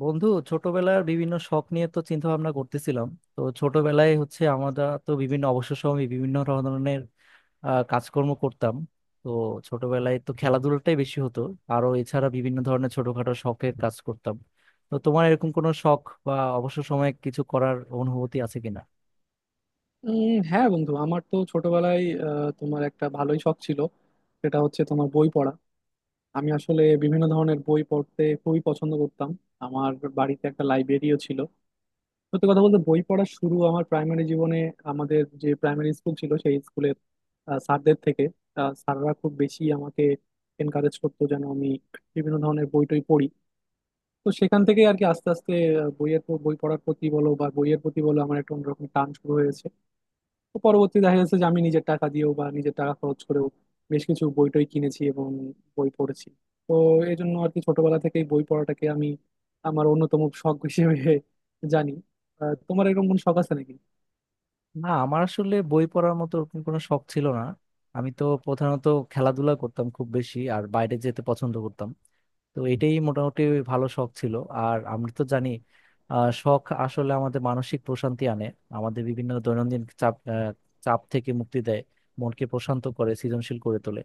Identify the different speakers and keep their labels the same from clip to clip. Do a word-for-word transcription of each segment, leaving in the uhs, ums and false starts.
Speaker 1: বন্ধু ছোটবেলার বিভিন্ন শখ নিয়ে তো চিন্তা ভাবনা করতেছিলাম। তো ছোটবেলায় হচ্ছে আমরা তো বিভিন্ন অবসর সময়ে বিভিন্ন ধরনের আহ, কাজকর্ম করতাম। তো ছোটবেলায় তো খেলাধুলাটাই বেশি হতো, আরো এছাড়া বিভিন্ন ধরনের ছোটখাটো শখের কাজ করতাম। তো তোমার এরকম কোনো শখ বা অবসর সময়ে কিছু করার অনুভূতি আছে কিনা?
Speaker 2: উম, হ্যাঁ বন্ধু, আমার তো ছোটবেলায় আহ, তোমার একটা ভালোই শখ ছিল। সেটা হচ্ছে তোমার বই পড়া। আমি আসলে বিভিন্ন ধরনের বই পড়তে খুবই পছন্দ করতাম। আমার বাড়িতে একটা লাইব্রেরিও ছিল। সত্যি কথা বলতে, বই পড়া শুরু আমার প্রাইমারি জীবনে। আমাদের যে প্রাইমারি স্কুল ছিল সেই স্কুলের স্যারদের থেকে। আহ, স্যাররা খুব বেশি আমাকে এনকারেজ করতো যেন আমি বিভিন্ন ধরনের বই টই পড়ি। তো সেখান থেকে আর কি আস্তে আস্তে আহ, বইয়ের প- বই পড়ার প্রতি বলো বা বইয়ের প্রতি বলো, আমার একটা অন্যরকম টান শুরু হয়েছে। তো পরবর্তী দেখা যাচ্ছে যে আমি নিজের টাকা দিয়েও বা নিজের টাকা খরচ করেও বেশ কিছু বই টই কিনেছি এবং বই পড়েছি। তো এই জন্য আর কি ছোটবেলা থেকেই বই পড়াটাকে আমি আমার অন্যতম শখ হিসেবে জানি। আহ, তোমার এরকম কোনো শখ আছে নাকি?
Speaker 1: না, আমার আসলে বই পড়ার মতো ওরকম কোনো শখ ছিল না। আমি তো প্রধানত খেলাধুলা করতাম খুব বেশি, আর বাইরে যেতে পছন্দ করতাম। তো এটাই মোটামুটি ভালো শখ ছিল। আর আমরা তো জানি আহ, শখ আসলে আমাদের মানসিক প্রশান্তি আনে, আমাদের বিভিন্ন দৈনন্দিন চাপ আহ, চাপ থেকে মুক্তি দেয়, মনকে প্রশান্ত করে, সৃজনশীল করে তোলে।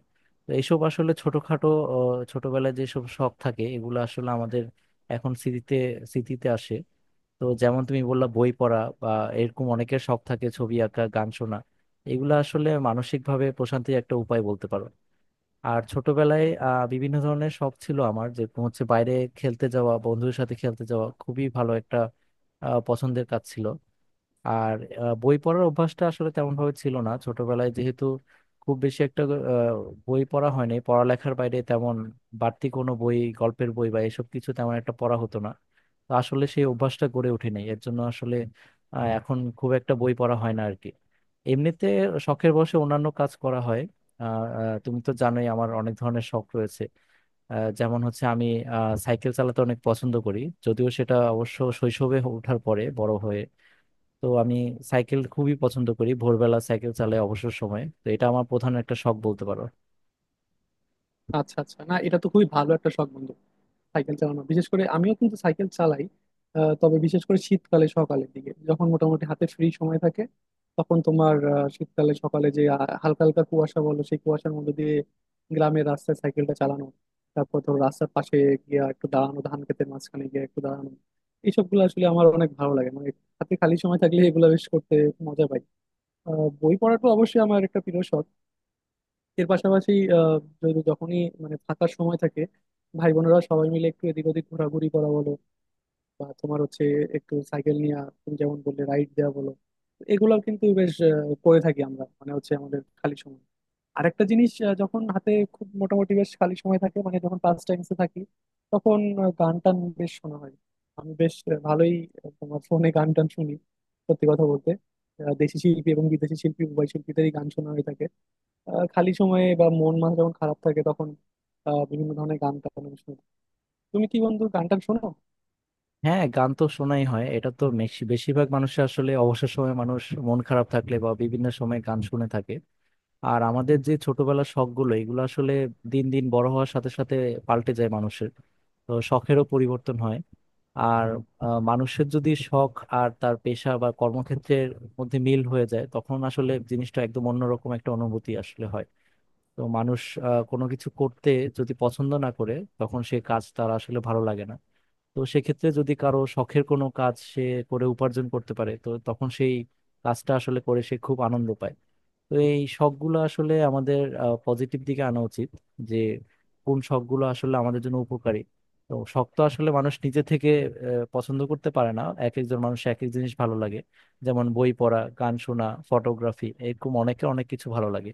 Speaker 1: তো এইসব আসলে ছোটখাটো আহ, ছোটবেলায় যেসব শখ থাকে এগুলো আসলে আমাদের এখন স্মৃতিতে স্মৃতিতে আসে। তো যেমন তুমি বললা বই পড়া, বা এরকম অনেকের শখ থাকে ছবি আঁকা, গান শোনা। এগুলো আসলে মানসিকভাবে প্রশান্তির একটা উপায় বলতে পারো। আর ছোটবেলায় আহ, বিভিন্ন ধরনের শখ ছিল আমার, যেরকম হচ্ছে বাইরে খেলতে যাওয়া, বন্ধুদের সাথে খেলতে যাওয়া খুবই ভালো একটা আহ, পছন্দের কাজ ছিল। আর আহ, বই পড়ার অভ্যাসটা আসলে তেমন ভাবে ছিল না ছোটবেলায়, যেহেতু খুব বেশি একটা আহ, বই পড়া হয়নি পড়ালেখার বাইরে তেমন, বাড়তি কোনো বই, গল্পের বই বা এসব কিছু তেমন একটা পড়া হতো না। তো আসলে সেই অভ্যাসটা গড়ে ওঠেনি, এর জন্য আসলে আহ, এখন খুব একটা বই পড়া হয় না আর কি এমনিতে। শখের বশে অন্যান্য কাজ করা হয়। আহ, আহ, তুমি তো জানোই আমার অনেক ধরনের শখ রয়েছে। আহ, যেমন হচ্ছে আমি আহ, সাইকেল চালাতে অনেক পছন্দ করি, যদিও সেটা অবশ্য শৈশবে ওঠার পরে বড় হয়ে। তো আমি সাইকেল খুবই পছন্দ করি, ভোরবেলা সাইকেল চালাই অবসর সময়ে, তো এটা আমার প্রধান একটা শখ বলতে পারো।
Speaker 2: আচ্ছা আচ্ছা, না এটা তো খুবই ভালো একটা শখ বন্ধু। সাইকেল চালানো, বিশেষ করে আমিও কিন্তু সাইকেল চালাই। আহ, তবে বিশেষ করে শীতকালে সকালের দিকে যখন মোটামুটি হাতে ফ্রি সময় থাকে, তখন তোমার আহ, শীতকালে সকালে যে আহ, হালকা হালকা কুয়াশা বলো, সেই কুয়াশার মধ্যে দিয়ে গ্রামের রাস্তায় সাইকেলটা চালানো, তারপর ধরো রাস্তার পাশে গিয়ে একটু দাঁড়ানো, ধান ক্ষেতের মাঝখানে গিয়ে একটু দাঁড়ানো, এইসব গুলো আসলে আমার অনেক ভালো লাগে। মানে হাতে খালি সময় থাকলে এগুলো বেশ করতে মজা পাই। আহ, বই পড়াটা অবশ্যই আমার একটা প্রিয় শখ। এর পাশাপাশি আহ, যদি যখনই মানে ফাঁকা সময় থাকে, ভাই বোনেরা সবাই মিলে একটু এদিক ওদিক ঘোরাঘুরি করা বলো, বা তোমার হচ্ছে একটু সাইকেল নিয়ে তুমি যেমন বললে রাইড দেওয়া বলো, এগুলো কিন্তু বেশ আহ, করে থাকি আমরা মানে হচ্ছে আমাদের খালি সময়। আরেকটা জিনিস, আহ, যখন হাতে খুব মোটামুটি বেশ খালি সময় থাকে, মানে যখন পাস টাইমসে থাকি তখন আহ, গান টান বেশ শোনা হয়। আমি বেশ আহ, ভালোই আহ, তোমার ফোনে গান টান শুনি। সত্যি কথা বলতে আহ, দেশি শিল্পী এবং বিদেশি শিল্পী উভয় শিল্পীদেরই গান শোনা হয়ে থাকে। আহ, খালি সময়ে বা মন মাঝে যখন খারাপ থাকে, তখন আহ, বিভিন্ন ধরনের গান টান আমি শুনি। তুমি কি বন্ধু গান টান শোনো?
Speaker 1: হ্যাঁ, গান তো শোনাই হয়, এটা তো মেশ- বেশিরভাগ মানুষের আসলে অবসর সময়ে মানুষ মন খারাপ থাকলে বা বিভিন্ন সময় গান শুনে থাকে। আর আমাদের যে ছোটবেলার শখ গুলো এগুলো আসলে দিন দিন বড় হওয়ার সাথে সাথে পাল্টে যায় মানুষের, তো শখেরও পরিবর্তন হয়। আর আহ, মানুষের যদি শখ আর তার পেশা বা কর্মক্ষেত্রের মধ্যে মিল হয়ে যায়, তখন আসলে জিনিসটা একদম অন্যরকম একটা অনুভূতি আসলে হয়। তো মানুষ আহ, কোনো কিছু করতে যদি পছন্দ না করে, তখন সে কাজ তার আসলে ভালো লাগে না। তো সেক্ষেত্রে যদি কারো শখের কোনো কাজ সে করে উপার্জন করতে পারে, তো তখন সেই কাজটা আসলে করে সে খুব আনন্দ পায়। তো এই শখগুলো আসলে আমাদের পজিটিভ দিকে আনা উচিত, যে কোন শখগুলো আসলে আমাদের জন্য উপকারী। তো শখ তো আসলে মানুষ নিজে থেকে আহ, পছন্দ করতে পারে না, এক একজন মানুষ এক এক জিনিস ভালো লাগে। যেমন বই পড়া, গান শোনা, ফটোগ্রাফি, এরকম অনেকের অনেক কিছু ভালো লাগে।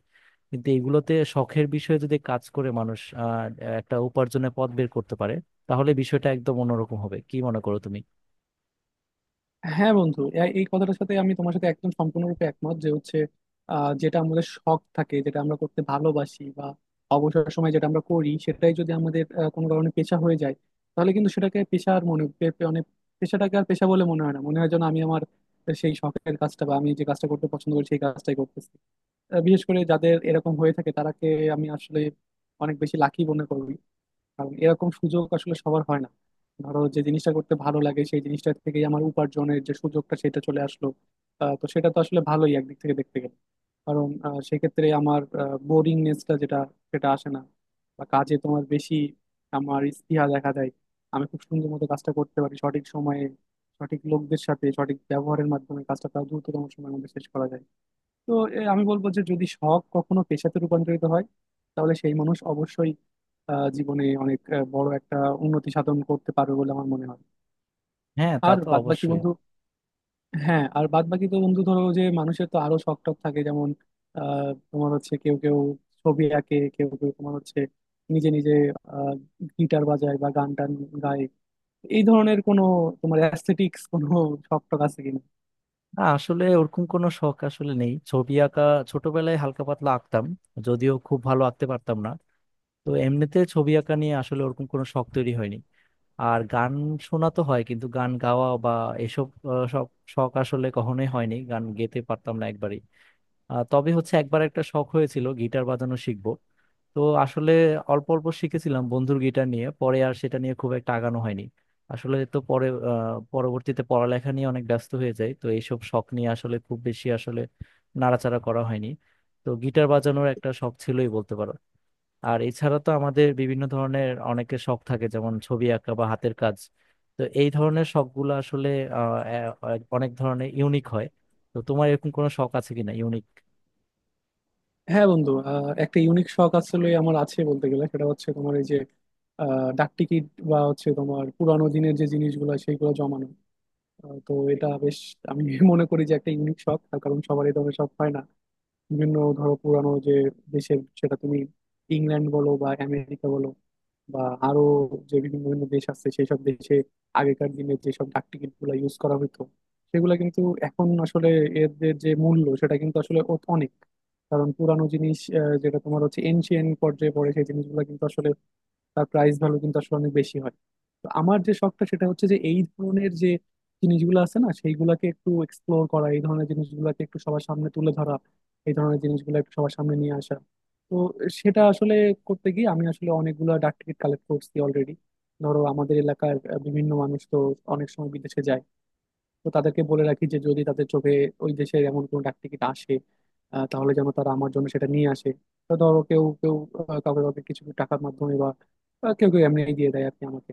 Speaker 1: কিন্তু এইগুলোতে শখের বিষয়ে যদি কাজ করে মানুষ আহ, একটা উপার্জনের পথ বের করতে পারে, তাহলে বিষয়টা একদম অন্যরকম হবে, কি মনে করো তুমি?
Speaker 2: হ্যাঁ বন্ধু, এ- এই কথাটার সাথে আমি তোমার সাথে একদম সম্পূর্ণরূপে একমত যে হচ্ছে আহ, যেটা আমাদের শখ থাকে, যেটা আমরা করতে ভালোবাসি বা অবসর সময় যেটা আমরা করি, সেটাই যদি আমাদের আহ, কোনো কারণে পেশা হয়ে যায়, তাহলে কিন্তু সেটাকে পেশার মনে পে- পে- মানে পেশাটাকে আর পেশা বলে মনে হয় না, মনে হয় যেন আমি আমার সেই শখের কাজটা বা আমি যে কাজটা করতে পছন্দ করি সেই কাজটাই করতেছি। আহ, বিশেষ করে যাদের এরকম হয়ে থাকে তারাকে আমি আসলে অনেক বেশি লাকি মনে করি, কারণ এরকম সুযোগ আসলে সবার হয় না। ধরো, যে জিনিসটা করতে ভালো লাগে সেই জিনিসটা থেকেই আমার উপার্জনের যে সুযোগটা, সেটা চলে আসলো। আহ, তো সেটা তো আসলে ভালোই একদিক থেকে দেখতে গেলে, কারণ আহ, সেক্ষেত্রে আমার বোরিংনেসটা যেটা, সেটা আসে না, বা কাজে তোমার বেশি আমার স্পৃহা দেখা দেয়। আমি খুব সুন্দর মতো কাজটা করতে পারি সঠিক সময়ে, সঠিক লোকদের সাথে সঠিক ব্যবহারের মাধ্যমে কাজটা প্রায় দ্রুততম সময়ের মধ্যে শেষ করা যায়। তো এ, আমি বলবো যে যদি শখ কখনো পেশাতে রূপান্তরিত হয়, তাহলে সেই মানুষ অবশ্যই আহ, জীবনে অনেক আহ, বড় একটা উন্নতি সাধন করতে পারবে বলে আমার মনে হয়।
Speaker 1: হ্যাঁ, তা
Speaker 2: আর
Speaker 1: তো
Speaker 2: বাদবাকি
Speaker 1: অবশ্যই।
Speaker 2: বন্ধু, হ্যাঁ আর বাদবাকি তো বন্ধু, ধরো যে মানুষের তো আরো শখ টখ থাকে। যেমন আহ, তোমার হচ্ছে কেউ কেউ ছবি আঁকে, কেউ কেউ তোমার হচ্ছে নিজে নিজে আহ, গিটার বাজায় বা গান টান গায়। এই ধরনের কোনো তোমার অ্যাস্থেটিক্স কোনো শখ টখ আছে কিনা?
Speaker 1: না, আসলে ওরকম কোনো শখ আসলে নেই। ছবি আঁকা ছোটবেলায় হালকা পাতলা আঁকতাম, যদিও খুব ভালো আঁকতে পারতাম না। তো এমনিতে ছবি আঁকা নিয়ে আসলে ওরকম কোনো শখ তৈরি হয়নি। আর গান শোনা তো হয়, কিন্তু গান গাওয়া বা এসব আহ, সব শখ আসলে কখনোই হয়নি, গান গেতে পারতাম না একবারই। আহ, তবে হচ্ছে একবার একটা শখ হয়েছিল গিটার বাজানো শিখবো। তো আসলে অল্প অল্প শিখেছিলাম বন্ধুর গিটার নিয়ে, পরে আর সেটা নিয়ে খুব একটা আগানো হয়নি আসলে। তো পরে আহ, পরবর্তীতে পড়ালেখা নিয়ে অনেক ব্যস্ত হয়ে যায়, তো এইসব শখ নিয়ে আসলে খুব বেশি আসলে নাড়াচাড়া করা হয়নি। তো গিটার বাজানোর একটা শখ ছিলই বলতে পারো। আর এছাড়া তো আমাদের বিভিন্ন ধরনের অনেকের শখ থাকে, যেমন ছবি আঁকা বা হাতের কাজ। তো এই ধরনের শখগুলো আসলে আহ, এ- অনেক ধরনের ইউনিক হয়। তো তোমার এরকম কোনো শখ আছে কিনা ইউনিক?
Speaker 2: হ্যাঁ বন্ধু, আহ, একটা ইউনিক শখ আসলে আমার আছে বলতে গেলে। সেটা হচ্ছে তোমার এই যে আহ, ডাক টিকিট বা হচ্ছে তোমার পুরানো দিনের যে জিনিসগুলো সেইগুলো জমানো। আহ, তো এটা বেশ আমি মনে করি যে একটা ইউনিক শখ। তার কারণ সবারই তো সব হয় না। বিভিন্ন ধরো পুরানো যে দেশের, সেটা তুমি ইংল্যান্ড বলো বা আমেরিকা বলো বা আরো যে বিভিন্ন বিভিন্ন দেশ আছে সেই সব দেশে আগেকার দিনে যেসব ডাক টিকিট গুলা ইউজ করা হতো, সেগুলা কিন্তু এখন আসলে এর এর যে মূল্য সেটা কিন্তু আসলে অ- অনেক। কারণ পুরানো জিনিস আহ, যেটা তোমার হচ্ছে এনশিয়েন্ট পর্যায়ে পড়ে সেই জিনিসগুলো কিন্তু আসলে তার প্রাইস ভ্যালু কিন্তু আসলে অনেক বেশি হয়। তো আমার যে শখটা, সেটা হচ্ছে যে এই ধরনের যে জিনিসগুলো আছে না সেইগুলোকে একটু এক্সপ্লোর করা, এই ধরনের জিনিসগুলোকে একটু সবার সামনে তুলে ধরা, এই ধরনের জিনিসগুলো একটু সবার সামনে নিয়ে আসা। তো সেটা আসলে করতে গিয়ে আমি আসলে অনেকগুলো ডাক টিকিট কালেক্ট করছি অলরেডি। ধরো আমাদের এলাকার আহ, বিভিন্ন মানুষ তো অনেক সময় বিদেশে যায়, তো তাদেরকে বলে রাখি যে যদি তাদের চোখে ওই দেশের এমন কোনো ডাক টিকিট আসে, আহ, তাহলে যেন তারা আমার জন্য সেটা নিয়ে আসে। তো ধরো কেউ কেউ আহ, কাউকে কাউকে কিছু টাকার মাধ্যমে বা আহ, কেউ কেউ এমনি দিয়ে দেয় আর কি আমাকে।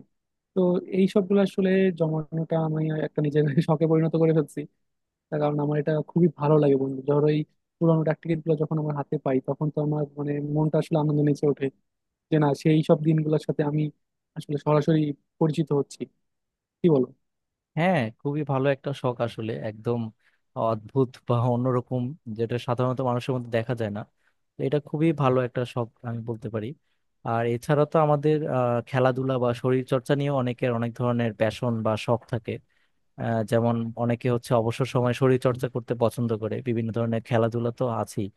Speaker 2: তো এই সবগুলো আসলে জমানোটা আমি একটা নিজের শখে পরিণত করে ফেলছি। তার কারণ আমার এটা খুবই ভালো লাগে বন্ধু। ধরো এই পুরানো ডাক টিকিট গুলো যখন আমার হাতে পাই, তখন তো আমার মানে মনটা আসলে আনন্দ নেচে ওঠে যে না সেই সব দিনগুলোর সাথে আমি আসলে সরাসরি পরিচিত হচ্ছি। কি বলো?
Speaker 1: হ্যাঁ, খুবই ভালো একটা শখ আসলে, একদম অদ্ভুত বা অন্যরকম, যেটা সাধারণত মানুষের মধ্যে দেখা যায় না। তো এটা খুবই ভালো একটা শখ আমি বলতে পারি। আর এছাড়া তো আমাদের আহ, খেলাধুলা বা শরীর চর্চা নিয়েও অনেকের অনেক ধরনের প্যাশন বা শখ থাকে। আহ, যেমন অনেকে হচ্ছে অবসর সময় শরীর চর্চা করতে পছন্দ করে, বিভিন্ন ধরনের খেলাধুলা তো আছেই।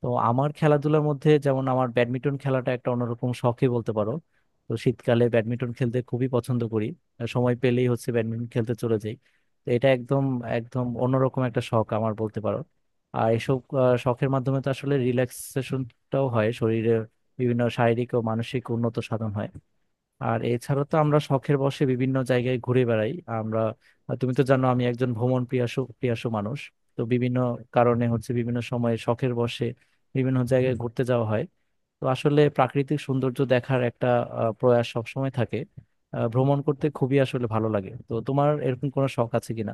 Speaker 1: তো আমার খেলাধুলার মধ্যে যেমন আমার ব্যাডমিন্টন খেলাটা একটা অন্যরকম শখই বলতে পারো। তো শীতকালে ব্যাডমিন্টন খেলতে খুবই পছন্দ করি, আর সময় পেলেই হচ্ছে ব্যাডমিন্টন খেলতে চলে যাই। তো এটা একদম একদম অন্যরকম একটা শখ আমার বলতে পারো। আর এসব আহ, শখের মাধ্যমে তো আসলে রিল্যাক্সেশনটাও হয় শরীরে, বিভিন্ন শারীরিক ও মানসিক উন্নত সাধন হয়। আর এছাড়া তো আমরা শখের বশে বিভিন্ন জায়গায় ঘুরে বেড়াই। আমরা তুমি তো জানো আমি একজন ভ্রমণ প্রিয়াসু প্রিয়াসু মানুষ। তো বিভিন্ন কারণে হচ্ছে বিভিন্ন সময়ে শখের বশে বিভিন্ন জায়গায় ঘুরতে যাওয়া হয়। তো আসলে প্রাকৃতিক সৌন্দর্য দেখার একটা আহ, প্রয়াস সবসময় থাকে। আহ, ভ্রমণ করতে খুবই আসলে ভালো লাগে। তো তোমার এরকম কোনো শখ আছে কিনা?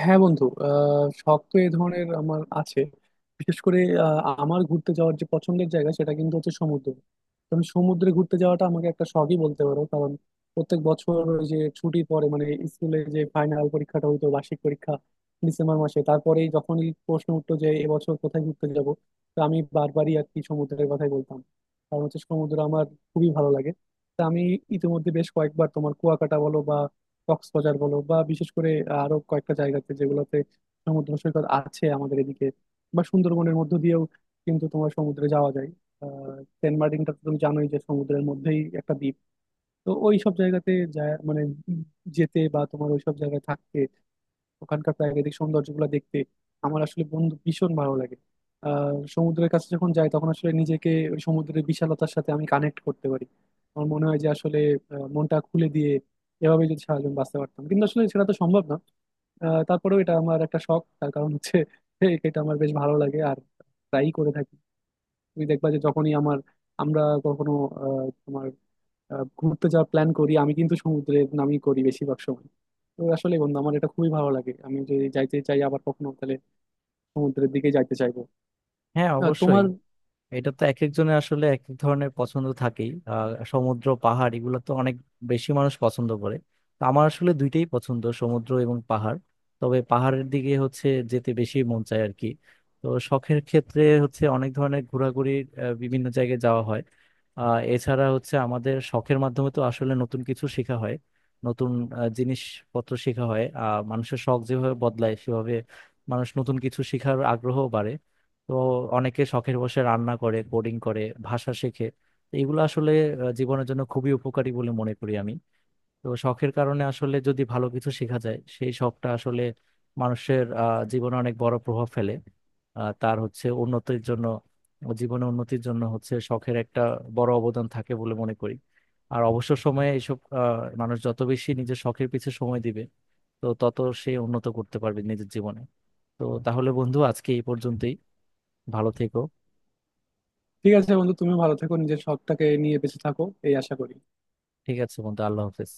Speaker 2: হ্যাঁ বন্ধু, আহ, শখ তো এই ধরনের আমার আছে। বিশেষ করে আহ, আমার ঘুরতে যাওয়ার যে পছন্দের জায়গা, সেটা কিন্তু হচ্ছে সমুদ্র। তো আমি সমুদ্রে ঘুরতে যাওয়াটা আমাকে একটা শখই বলতে পারো, কারণ প্রত্যেক বছর ওই যে ছুটির পরে, মানে স্কুলে যে ফাইনাল পরীক্ষাটা হইতো বার্ষিক পরীক্ষা ডিসেম্বর মাসে, তারপরেই যখনই প্রশ্ন উঠতো যে এবছর কোথায় ঘুরতে যাব, তো আমি বারবারই আর কি সমুদ্রের কথাই বলতাম। কারণ হচ্ছে সমুদ্র আমার খুবই ভালো লাগে। তা আমি ইতিমধ্যে বেশ কয়েকবার তোমার কুয়াকাটা বলো, কক্সবাজার বলো, বা বিশেষ করে আরো কয়েকটা জায়গাতে যেগুলোতে সমুদ্র সৈকত আছে আমাদের এদিকে, বা সুন্দরবনের মধ্য দিয়েও কিন্তু তোমার সমুদ্রে যাওয়া যায়। আহ সেন্ট মার্টিনটা তো তুমি জানোই যে সমুদ্রের মধ্যেই একটা দ্বীপ। তো ওই সব জায়গাতে যায় মানে যেতে বা তোমার ওই সব জায়গায় থাকতে ওখানকার প্রাকৃতিক সৌন্দর্যগুলো দেখতে আমার আসলে বন্ধু ভীষণ ভালো লাগে। আর সমুদ্রের কাছে যখন যাই, তখন আসলে নিজেকে ওই সমুদ্রের বিশালতার সাথে আমি কানেক্ট করতে পারি। আমার মনে হয় যে আসলে আহ, মনটা খুলে দিয়ে এভাবে যদি সারাজীবন বাঁচতে পারতাম, কিন্তু আসলে সেটা তো সম্ভব না। আহ, তারপরেও এটা আমার একটা শখ তার কারণ হচ্ছে এই এটা আমার বেশ ভালো লাগে আর ট্রাই করে থাকি। তুমি দেখবা যে যখনই আমার আমরা কখনো আহ, তোমার আহ, ঘুরতে যাওয়ার প্ল্যান করি আমি কিন্তু সমুদ্রে নামই করি বেশিরভাগ সময়। তো আসলে বন্ধু আমার এটা খুবই ভালো লাগে। আমি যদি যাইতে চাই আবার কখনো, তাহলে সমুদ্রের দিকে যাইতে চাইবো।
Speaker 1: হ্যাঁ,
Speaker 2: আহ,
Speaker 1: অবশ্যই।
Speaker 2: তোমার
Speaker 1: এটা তো এক একজনের আসলে এক এক ধরনের পছন্দ থাকেই। আহ, সমুদ্র, পাহাড়, এগুলো তো অনেক বেশি মানুষ পছন্দ করে। তো আমার আসলে দুইটাই পছন্দ, সমুদ্র এবং পাহাড়। তবে পাহাড়ের দিকে হচ্ছে যেতে বেশি মন চায় আর কি। তো শখের ক্ষেত্রে হচ্ছে অনেক ধরনের ঘোরাঘুরির আহ, বিভিন্ন জায়গায় যাওয়া হয়। আহ, এছাড়া হচ্ছে আমাদের শখের মাধ্যমে তো আসলে নতুন কিছু শেখা হয়, নতুন আহ, জিনিসপত্র শেখা হয়। আহ, মানুষের শখ যেভাবে বদলায় সেভাবে মানুষ নতুন কিছু শেখার আগ্রহ বাড়ে। তো অনেকে শখের বসে রান্না করে, কোডিং করে, ভাষা শেখে। তো এগুলো আসলে আহ, জীবনের জন্য খুবই উপকারী বলে মনে করি আমি। তো শখের কারণে আসলে যদি ভালো কিছু শেখা যায়, সেই শখটা আসলে মানুষের আহ, জীবনে অনেক বড় প্রভাব ফেলে। আহ, তার হচ্ছে উন্নতির জন্য, জীবনে উন্নতির জন্য হচ্ছে শখের একটা বড় অবদান থাকে বলে মনে করি। আর অবসর সময়ে এইসব আহ, মানুষ যত বেশি নিজের শখের পিছে সময় দিবে, তো তত সে উন্নত করতে পারবে নিজের জীবনে। তো তাহলে বন্ধু, আজকে এই পর্যন্তই। ভালো থেকো।
Speaker 2: ঠিক আছে বন্ধু, তুমি ভালো থেকো, নিজের শখটাকে নিয়ে বেঁচে থাকো এই আশা করি।
Speaker 1: ঠিক আছে বন্ধু, আল্লাহ হাফেজ।